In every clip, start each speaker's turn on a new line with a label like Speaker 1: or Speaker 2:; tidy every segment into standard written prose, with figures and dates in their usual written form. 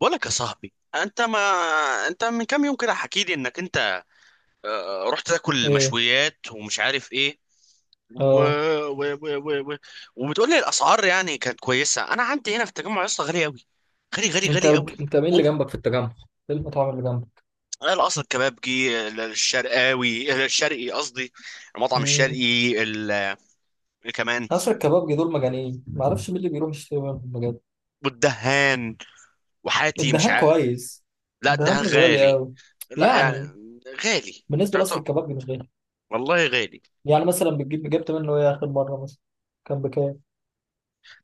Speaker 1: بقولك، يا صاحبي، انت ما انت من كام يوم كده حكي لي انك انت آه، آه، رحت تاكل
Speaker 2: ايه،
Speaker 1: مشويات ومش عارف ايه و...
Speaker 2: اه،
Speaker 1: و... و... و... و... وبتقول لي الاسعار يعني كانت كويسه. انا عندي هنا في التجمع يا اسطى غالي قوي، غالي غالي
Speaker 2: انت
Speaker 1: غالي قوي،
Speaker 2: انت مين اللي
Speaker 1: اوفر.
Speaker 2: جنبك في التجمع؟ ايه المطاعم اللي جنبك؟
Speaker 1: القصر، الكبابجي، الشرقاوي، الشرقي قصدي، المطعم
Speaker 2: امم.
Speaker 1: الشرقي ال... آه، كمان،
Speaker 2: عصر الكبابجي دول مجانين، ما اعرفش مين اللي بيروح يشتري منهم بجد.
Speaker 1: والدهان وحاتي مش
Speaker 2: الدهان
Speaker 1: عارف.
Speaker 2: كويس.
Speaker 1: لا،
Speaker 2: الدهان
Speaker 1: الدهان
Speaker 2: مش غالي
Speaker 1: غالي.
Speaker 2: قوي،
Speaker 1: لا، يعني
Speaker 2: يعني
Speaker 1: غالي.
Speaker 2: بالنسبه لقصر
Speaker 1: تعطى،
Speaker 2: الكبابجي مش غالي.
Speaker 1: والله غالي.
Speaker 2: يعني مثلا جبت منه ايه اخر مره؟ مثلا كان بكام؟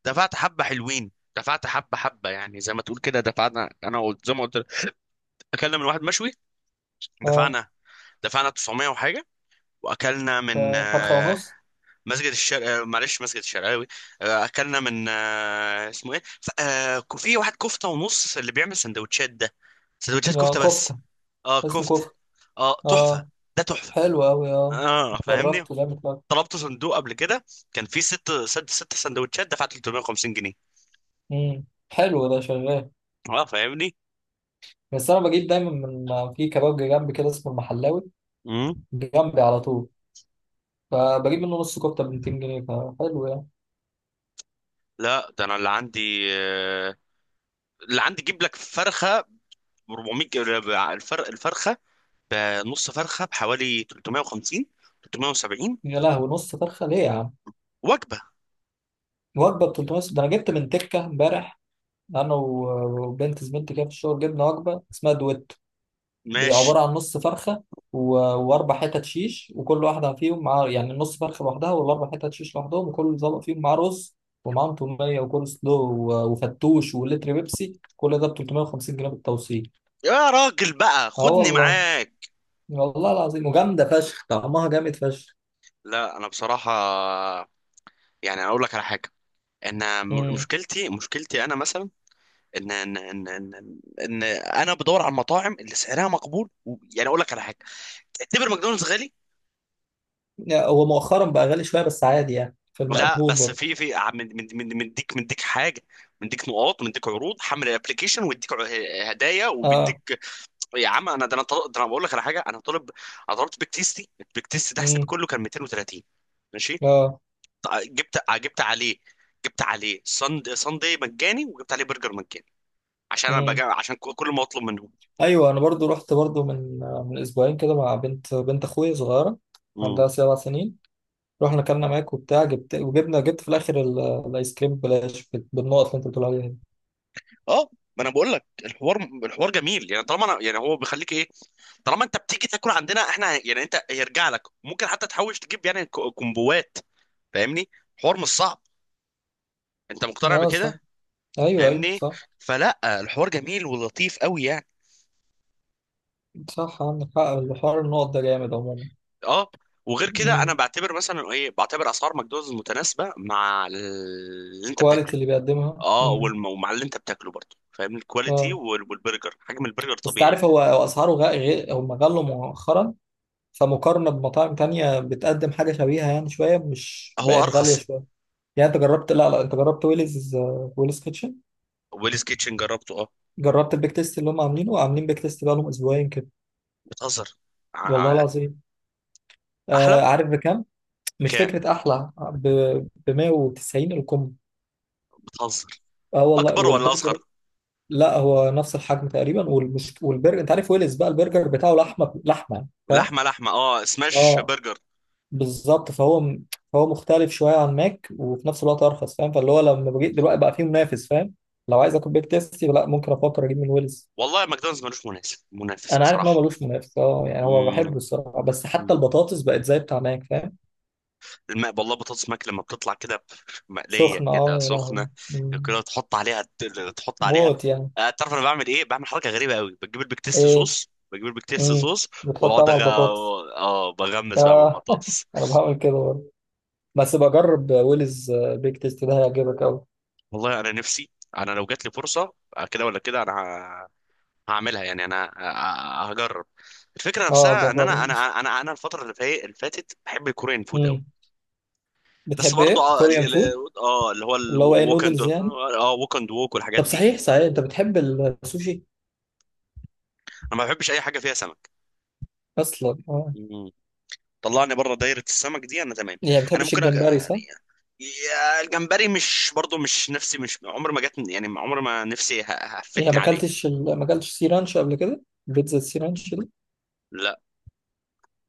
Speaker 1: دفعت حبة حلوين، دفعت حبة حبة، يعني زي ما تقول كده دفعنا. أنا قلت زي ما قلت لك، أكلنا من واحد مشوي،
Speaker 2: اه،
Speaker 1: دفعنا دفعنا 900 وحاجة. وأكلنا من
Speaker 2: ف- فرخه ونص.
Speaker 1: مسجد الشرق، معلش، مسجد الشرقاوي. أكلنا من اسمه إيه، في واحد كفتة ونص اللي بيعمل سندوتشات ده، سندوتشات
Speaker 2: اه
Speaker 1: كفتة بس.
Speaker 2: كفته.
Speaker 1: اه،
Speaker 2: اسمه
Speaker 1: كفتة.
Speaker 2: كفته.
Speaker 1: اه، تحفة.
Speaker 2: اه،
Speaker 1: ده تحفة.
Speaker 2: حلو قوي. اه.
Speaker 1: اه، فاهمني.
Speaker 2: جربته جامد قوي.
Speaker 1: طلبت صندوق قبل كده، كان فيه ست سندوتشات، دفعت 350 جنيه.
Speaker 2: امم. حلو، ده شغال.
Speaker 1: اه، فاهمني.
Speaker 2: بس انا بجيب دايما ما في كبابجي جنبي كده اسمه المحلاوي.
Speaker 1: مم.
Speaker 2: جنبي على طول. فبجيب منه نص كفته ب 200 جنيه، فحلو يعني.
Speaker 1: لا، ده انا اللي عندي آه، اللي عندي جيب لك فرخه ب 400 الفرخه، بنص فرخه بحوالي 350، 370
Speaker 2: يا لهوي، نص فرخه ليه يا عم؟
Speaker 1: وجبه.
Speaker 2: وجبه ب 300؟ ده انا جبت من تكه امبارح. انا وبنت زميلتي كده في الشغل جبنا وجبه اسمها دويت.
Speaker 1: ماشي.
Speaker 2: عباره عن نص فرخه، واربع حتت شيش، وكل واحده فيهم مع، يعني، نص فرخه لوحدها والاربع حتت شيش لوحدهم وكل طبق فيهم معاه رز، ومعاهم توميه وكول سلو وفتوش ولتر بيبسي. كل ده ب 350 جنيه بالتوصيل.
Speaker 1: يا راجل بقى
Speaker 2: اه
Speaker 1: خدني
Speaker 2: والله.
Speaker 1: معاك.
Speaker 2: والله العظيم، وجامده فشخ، طعمها جامد فشخ.
Speaker 1: لا، انا بصراحه يعني اقول لك على حاجه، ان مشكلتي انا مثلا، ان ان ان ان, إن انا بدور على المطاعم اللي سعرها مقبول، يعني اقول لك على حاجه، تعتبر ماكدونالدز غالي.
Speaker 2: هو مؤخرا بقى غالي شويه بس عادي، يعني في
Speaker 1: لا
Speaker 2: المقبول
Speaker 1: بس
Speaker 2: برضه.
Speaker 1: في في من من مديك حاجه، مديك نقاط، مديك عروض، حمل الابلكيشن ويديك هدايا،
Speaker 2: اه.
Speaker 1: وبيديك. يا عم، انا ده انا طل- ده انا بقول لك على حاجه، انا طالب. انا طلبت بيك تيستي، البيك تيست ده حسابي
Speaker 2: امم.
Speaker 1: كله كان 230. ماشي.
Speaker 2: اه.
Speaker 1: جبت عليه، جبت عليه صندي مجاني، وجبت عليه برجر مجاني. عشان انا
Speaker 2: امم.
Speaker 1: بجا، عشان كل ما اطلب منهم.
Speaker 2: ايوه، انا برضو رحت برضو من اسبوعين كده مع بنت اخويا صغيره. عندها 7 سنين. رحنا اكلنا ماك وبتاع جبت، وجبنا جبت في الاخر الايس كريم ببلاش بالنقط اللي انت بتقول عليها دي.
Speaker 1: اه، ما انا بقول لك، الحوار، الحوار جميل يعني. طالما انا يعني هو بيخليك ايه، طالما انت بتيجي تاكل عندنا احنا، يعني انت هيرجع لك، ممكن حتى تحوش، تجيب يعني كومبوات. فاهمني، حوار مش صعب. انت مقتنع
Speaker 2: اه صح.
Speaker 1: بكده.
Speaker 2: ايوه، ايوه،
Speaker 1: فاهمني.
Speaker 2: صح.
Speaker 1: فلا الحوار جميل ولطيف قوي يعني.
Speaker 2: صح، عندك حق، الحوار النقط ده جامد عموما.
Speaker 1: اه، وغير كده انا
Speaker 2: امم.
Speaker 1: بعتبر مثلا ايه، بعتبر اسعار ماكدونالدز متناسبه مع اللي انت بتاكله.
Speaker 2: كواليتي اللي بيقدمها.
Speaker 1: اه،
Speaker 2: امم.
Speaker 1: ومع اللي انت بتاكله برضه، فاهم؟ الكواليتي
Speaker 2: اه،
Speaker 1: والبرجر، حجم البرجر
Speaker 2: بس
Speaker 1: طبيعي.
Speaker 2: تعرف، هو اسعاره غير، هم غلوا مؤخرا. فمقارنة بمطاعم تانية بتقدم حاجة شبيهة، يعني شوية مش
Speaker 1: هو
Speaker 2: بقت غالية
Speaker 1: ارخص.
Speaker 2: شوية. يعني انت جربت لا، لا، انت جربت ويلز، ويلز كيتشن.
Speaker 1: ويلز كيتشن جربته، اه.
Speaker 2: جربت البيك تيست اللي هم عاملين بيك تيست بقالهم اسبوعين كده.
Speaker 1: بتهزر. ع-
Speaker 2: والله
Speaker 1: ع-
Speaker 2: العظيم.
Speaker 1: احلى.
Speaker 2: عارف بكام؟ مش
Speaker 1: كام؟
Speaker 2: فكرة، احلى ب 190، الكم.
Speaker 1: بتهزر.
Speaker 2: اه والله.
Speaker 1: اكبر ولا
Speaker 2: والبرجر؟
Speaker 1: اصغر؟
Speaker 2: لا، هو نفس الحجم تقريبا، والبرجر، انت عارف ويلز بقى البرجر بتاعه لحمة لحمة يعني، فاهم؟
Speaker 1: لحمه لحمه، اه، سماش
Speaker 2: اه
Speaker 1: برجر.
Speaker 2: بالظبط. فهو فهو مختلف شويه عن ماك وفي نفس الوقت ارخص، فاهم؟ فاللي هو لما بجيت دلوقتي بقى فيه منافس، فاهم؟ لو عايز اكل بيك تيستي، لا، ممكن افكر اجيب من ويلز.
Speaker 1: والله ماكدونالدز ملوش منافس، منافس
Speaker 2: انا عارف ان
Speaker 1: بصراحه.
Speaker 2: هو ملوش منافس، اه، يعني هو بحبه
Speaker 1: مم.
Speaker 2: الصراحه، بس
Speaker 1: مم.
Speaker 2: حتى البطاطس بقت زي بتاع ماك، فاهم؟
Speaker 1: الماء، والله بطاطس ماك لما بتطلع كده مقليه
Speaker 2: سخنه. اه،
Speaker 1: كده
Speaker 2: يا
Speaker 1: سخنه،
Speaker 2: لهوي. مم.
Speaker 1: كده تحط عليها، تحط عليها.
Speaker 2: موت يعني.
Speaker 1: تعرف انا بعمل ايه؟ بعمل حركه غريبه قوي، بجيب البيك تيست
Speaker 2: ايه.
Speaker 1: صوص، بجيب البيك تيست
Speaker 2: امم.
Speaker 1: صوص،
Speaker 2: بتحطها
Speaker 1: واقعد
Speaker 2: مع البطاطس؟
Speaker 1: اه، بغمس بقى مع
Speaker 2: اه.
Speaker 1: البطاطس.
Speaker 2: انا بعمل كده برضه. بس بجرب ويلز، بيك تيستي ده هيعجبك قوي.
Speaker 1: والله انا نفسي. انا لو جات لي فرصه كده ولا كده انا هعملها، يعني انا هجرب. الفكره
Speaker 2: اه
Speaker 1: نفسها ان
Speaker 2: جربه.
Speaker 1: انا الفتره اللي فاتت بحب الكوريان فود قوي.
Speaker 2: امم.
Speaker 1: بس
Speaker 2: بتحب
Speaker 1: برضو
Speaker 2: ايه
Speaker 1: اه،
Speaker 2: كوريان فود؟
Speaker 1: اللي هو
Speaker 2: اللي هو ايه،
Speaker 1: الووك اند،
Speaker 2: نودلز يعني؟
Speaker 1: اه، ووك اند ووك والحاجات
Speaker 2: طب،
Speaker 1: دي.
Speaker 2: صحيح صحيح، انت بتحب السوشي؟
Speaker 1: انا ما بحبش اي حاجه فيها سمك.
Speaker 2: اصلا، اه.
Speaker 1: مم. طلعني بره دايره السمك دي انا تمام.
Speaker 2: يعني ما
Speaker 1: انا
Speaker 2: بتحبش
Speaker 1: ممكن
Speaker 2: الجمبري، صح؟
Speaker 1: يا الجمبري، مش برضو، مش نفسي، مش عمر ما جت، يعني عمر ما نفسي
Speaker 2: يعني
Speaker 1: هفتني عليه.
Speaker 2: ما اكلتش سي رانش قبل كده؟ بيتزا سي رانش دي؟
Speaker 1: لا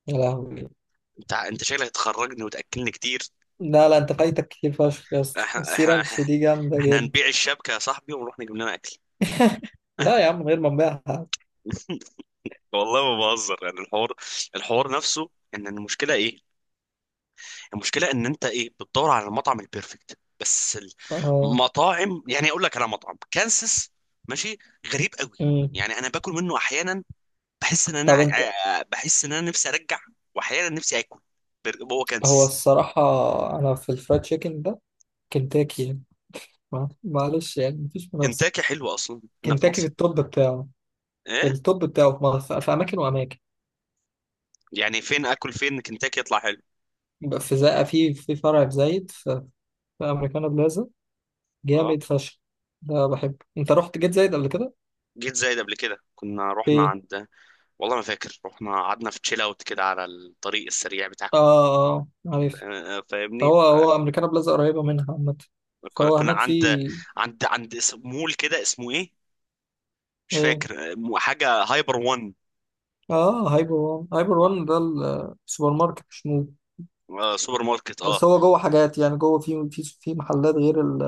Speaker 2: يا لهوي.
Speaker 1: انت، انت شكلك هتخرجني وتاكلني كتير.
Speaker 2: لا، لا، انت فايتك كتير فشخ يا اسطى،
Speaker 1: احنا
Speaker 2: السي
Speaker 1: احنا
Speaker 2: رانش دي جامده
Speaker 1: احنا
Speaker 2: جدا.
Speaker 1: هنبيع الشبكه يا صاحبي ونروح نجيب لنا اكل.
Speaker 2: لا يا عم، من غير ما نبيعها.
Speaker 1: والله ما بهزر، يعني الحوار، الحوار نفسه ان المشكله ايه. المشكله ان انت ايه، بتدور على المطعم البيرفكت بس.
Speaker 2: اه.
Speaker 1: المطاعم، يعني اقول لك على مطعم كانسس، ماشي، غريب قوي.
Speaker 2: امم.
Speaker 1: يعني انا باكل منه احيانا بحس ان انا
Speaker 2: طب انت.
Speaker 1: بحس ان انا نفسي ارجع، واحيانا نفسي اكل هو
Speaker 2: هو
Speaker 1: كانسس.
Speaker 2: الصراحه، انا في الفرايد تشيكن ده، كنتاكي يعني، معلش، يعني مفيش منافسه.
Speaker 1: كنتاكي حلوه اصلا هنا في
Speaker 2: كنتاكي
Speaker 1: مصر.
Speaker 2: في
Speaker 1: ايه؟
Speaker 2: التوب بتاعه في مصر، في اماكن واماكن.
Speaker 1: يعني فين اكل، فين كنتاكي يطلع حلو؟
Speaker 2: في زي، في فرع في زايد. في، في امريكانا بلازا،
Speaker 1: اه،
Speaker 2: جامد فشخ. ده بحبه. انت رحت جيت زايد قبل كده؟
Speaker 1: جيت زايد قبل كده، كنا رحنا
Speaker 2: في.
Speaker 1: عند، والله ما فاكر، رحنا قعدنا في تشيل اوت كده على الطريق السريع
Speaker 2: اه،
Speaker 1: بتاعكم.
Speaker 2: اه، عارف.
Speaker 1: فاهمني.
Speaker 2: هو هو امريكانا بلازا قريبه منها عامه.
Speaker 1: كنا
Speaker 2: فهو
Speaker 1: كنا
Speaker 2: هناك في.
Speaker 1: عند اسم مول كده، اسمه ايه، مش
Speaker 2: ايه،
Speaker 1: فاكر، حاجه هايبر وان.
Speaker 2: اه، هايبر وان هايبر
Speaker 1: آه،
Speaker 2: وان ده. السوبر ماركت، مش مول.
Speaker 1: سوبر ماركت، اه.
Speaker 2: بس هو جوه حاجات، يعني جوه في محلات غير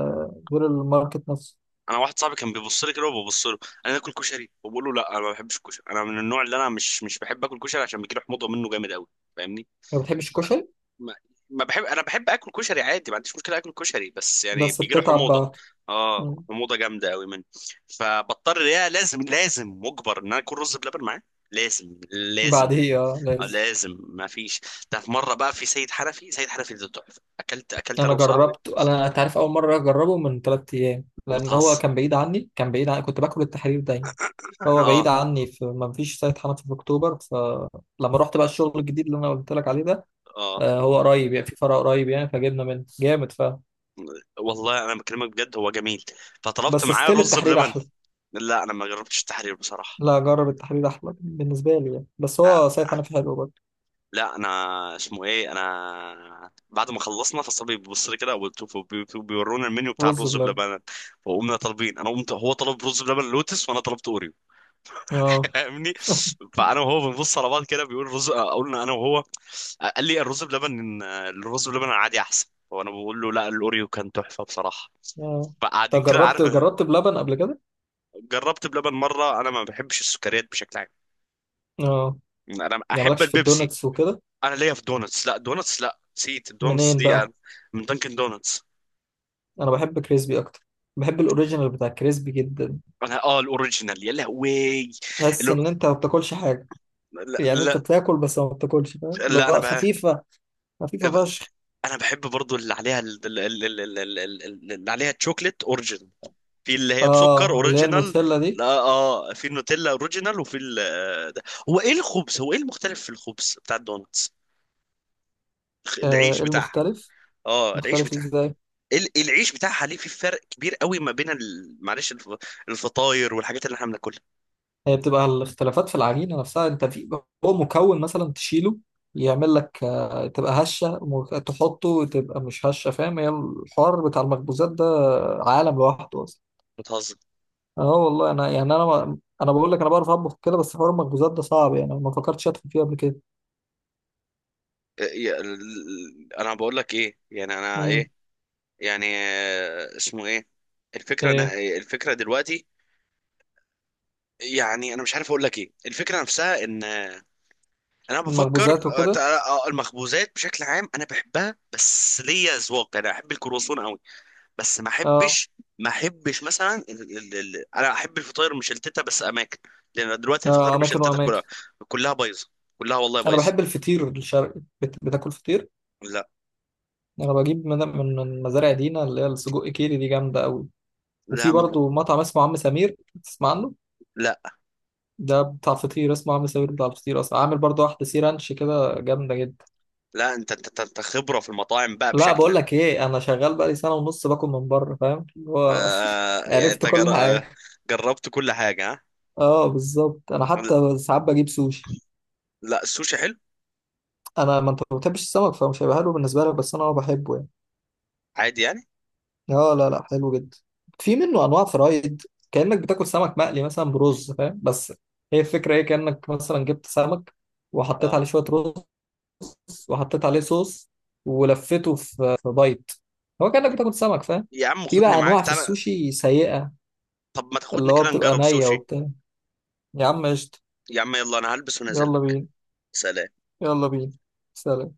Speaker 2: غير الماركت نفسه.
Speaker 1: انا واحد صاحبي كان بيبص لي كده وببص له، انا اكل كشري وبقول له لا، انا ما بحبش الكشري. انا من النوع اللي انا مش بحب اكل كشري، عشان بيجي لي حموضه منه جامد قوي، فاهمني.
Speaker 2: ما بتحبش الكشري؟
Speaker 1: ما بحب، انا بحب اكل كشري عادي، ما عنديش مشكله اكل كشري، بس يعني
Speaker 2: بس
Speaker 1: بيجي له
Speaker 2: بتتعب
Speaker 1: حموضه.
Speaker 2: بعد.
Speaker 1: اه،
Speaker 2: مم.
Speaker 1: حموضه جامده قوي منه. فبضطر، يا لازم، لازم مجبر ان انا اكل رز بلبن معاه، لازم، لازم.
Speaker 2: بعديه، اه لازم.
Speaker 1: لازم، ما فيش. ده في مره بقى في سيد حنفي، سيد حنفي ده تحفه، اكلت انا
Speaker 2: انا
Speaker 1: وصاحبي.
Speaker 2: جربت. انا، انت عارف، اول مره اجربه من 3 ايام، لان هو
Speaker 1: بتهزر.
Speaker 2: كان بعيد عني، كنت باكل التحرير دايما. هو بعيد
Speaker 1: اه.
Speaker 2: عني، في، ما فيش سايت حنفي في اكتوبر، فلما رحت بقى الشغل الجديد اللي انا قلت لك عليه ده،
Speaker 1: اه،
Speaker 2: هو قريب، يعني في فرع قريب يعني، فجبنا منه جامد.
Speaker 1: والله انا بكلمك بجد، هو جميل. فطلبت
Speaker 2: بس
Speaker 1: معاه
Speaker 2: ستيل
Speaker 1: رز
Speaker 2: التحرير
Speaker 1: بلبن.
Speaker 2: احلى.
Speaker 1: لا انا ما جربتش التحرير بصراحه.
Speaker 2: لا، جرب، التحرير احلى بالنسبه لي يعني، بس هو سايت حنفي حلو برضه.
Speaker 1: لا انا، اسمه ايه، انا بعد ما خلصنا فالصبي بيبص لي كده وبيورونا المنيو بتاع
Speaker 2: رز
Speaker 1: الرز
Speaker 2: بلبن.
Speaker 1: بلبن، وقمنا طالبين، انا قمت، هو طلب رز بلبن لوتس وانا طلبت اوريو.
Speaker 2: اه،
Speaker 1: فاهمني. فانا وهو بنبص على بعض كده، بيقول رز، قلنا انا وهو، قال لي الرز بلبن، الرز بلبن العادي احسن، وانا بقول له لا، الاوريو كان تحفه بصراحه.
Speaker 2: اه.
Speaker 1: فقاعدين
Speaker 2: طب،
Speaker 1: كده،
Speaker 2: جربت
Speaker 1: عارف.
Speaker 2: جربت بلبن قبل كده؟
Speaker 1: جربت بلبن مره، انا ما بحبش السكريات بشكل عام.
Speaker 2: اه.
Speaker 1: انا
Speaker 2: يعني
Speaker 1: احب
Speaker 2: مالكش في
Speaker 1: البيبسي.
Speaker 2: الدونتس وكده؟
Speaker 1: انا ليا في دونتس، لا، دونتس، لا، نسيت الدونتس
Speaker 2: منين
Speaker 1: دي
Speaker 2: بقى؟
Speaker 1: يعني. من دانكن دونتس.
Speaker 2: انا بحب كريسبي اكتر، بحب الاوريجينال بتاع كريسبي جدا.
Speaker 1: انا اه، الاوريجينال، يا لهوي.
Speaker 2: تحس
Speaker 1: الأور...
Speaker 2: ان انت ما بتاكلش حاجه.
Speaker 1: لا,
Speaker 2: يعني انت
Speaker 1: لا.
Speaker 2: بتاكل بس ما بتاكلش، فاهم؟ اللي
Speaker 1: لا انا
Speaker 2: هو
Speaker 1: بقى
Speaker 2: خفيف. خفيفة فشخ.
Speaker 1: انا بحب برضو اللي عليها اللي عليها تشوكلت اوريجينال، في اللي هي بسكر
Speaker 2: اه، اللي هي
Speaker 1: اوريجينال.
Speaker 2: النوتيلا دي؟
Speaker 1: لا اه، في النوتيلا اوريجينال وفي ال... ده. هو ايه الخبز، هو ايه المختلف في الخبز بتاع الدونتس؟ العيش
Speaker 2: إيه
Speaker 1: بتاعها.
Speaker 2: المختلف؟
Speaker 1: اه، العيش
Speaker 2: مختلف
Speaker 1: بتاعها.
Speaker 2: ازاي؟
Speaker 1: العيش بتاعها ليه في فرق كبير قوي ما بين معلش، الفطاير والحاجات اللي احنا بناكلها.
Speaker 2: هي بتبقى الاختلافات في العجينة نفسها. انت في، هو مكون مثلا تشيله، يعمل لك، تبقى هشة، تحطه تبقى مش هشة، فاهم؟ هي الحوار بتاع المخبوزات ده عالم لوحده اصلا.
Speaker 1: بتهزر.
Speaker 2: اه والله. انا يعني، انا انا بقول لك، انا بعرف اطبخ كده بس حوار المخبوزات ده صعب، يعني ما فكرتش ادخل فيه قبل كده.
Speaker 1: انا بقول لك ايه، يعني انا
Speaker 2: امم.
Speaker 1: ايه، يعني اسمه ايه، الفكره، أنا
Speaker 2: ايه،
Speaker 1: الفكره دلوقتي يعني، انا مش عارف اقول لك ايه، الفكره نفسها ان انا بفكر،
Speaker 2: المخبوزات وكده.
Speaker 1: المخبوزات بشكل عام انا بحبها، بس ليا اذواق، انا احب الكرواسون قوي. بس ما
Speaker 2: اه،
Speaker 1: احبش، مثلا ال ال ال انا احب الفطاير مشلتته بس اماكن، لان دلوقتي الفطاير
Speaker 2: اماكن
Speaker 1: مشلتته
Speaker 2: واماكن.
Speaker 1: كلها، كلها بايظه، كلها والله
Speaker 2: انا
Speaker 1: بايظه.
Speaker 2: بحب الفطير الشرقي. بتاكل فطير؟
Speaker 1: لا.
Speaker 2: انا بجيب من مزارع دينا، اللي هي السجق كيري دي جامده قوي. وفي
Speaker 1: لا
Speaker 2: برضو مطعم اسمه عم سمير، تسمع عنه؟
Speaker 1: لا
Speaker 2: ده بتاع فطير اسمه عم سمير، بتاع فطير اصلا، عامل برضو واحده سي رانش كده جامده جدا.
Speaker 1: لا. انت انت انت أنت خبرة في المطاعم بقى
Speaker 2: لا، بقول
Speaker 1: بشكل.
Speaker 2: لك ايه، انا شغال بقالي سنه ونص باكل من بره، فاهم؟ اللي هو.
Speaker 1: آه يعني انت
Speaker 2: عرفت كل
Speaker 1: جر... آه،
Speaker 2: حاجه.
Speaker 1: جربت كل حاجة.
Speaker 2: اه، بالظبط. انا
Speaker 1: ها.
Speaker 2: حتى ساعات بجيب سوشي.
Speaker 1: لا، السوشي حلو،
Speaker 2: انا ما انت ما بتحبش السمك فمش هيبقى حلو بالنسبه لك، بس انا بحبه يعني.
Speaker 1: عادي يعني،
Speaker 2: اه، لا، لا، حلو جدا. في منه انواع فرايد، كانك بتاكل سمك مقلي مثلا برز، فاهم؟ بس، هي الفكره ايه؟ كانك مثلا جبت سمك، وحطيت
Speaker 1: اه.
Speaker 2: عليه شويه رز، وحطيت عليه صوص، ولفيته في بايت. هو كانك بتاكل سمك، فاهم؟
Speaker 1: يا عم
Speaker 2: في
Speaker 1: خدني
Speaker 2: بقى
Speaker 1: معاك
Speaker 2: انواع في
Speaker 1: تعالى.
Speaker 2: السوشي سيئه،
Speaker 1: طب ما تاخدني
Speaker 2: اللي هو
Speaker 1: كده
Speaker 2: بتبقى
Speaker 1: نجرب
Speaker 2: نيه
Speaker 1: سوشي.
Speaker 2: وبتاع. يا عم، قشطه.
Speaker 1: يا عم يلا انا هلبس ونازل
Speaker 2: يلا
Speaker 1: لك.
Speaker 2: بينا.
Speaker 1: سلام.
Speaker 2: يلا بينا. سلام.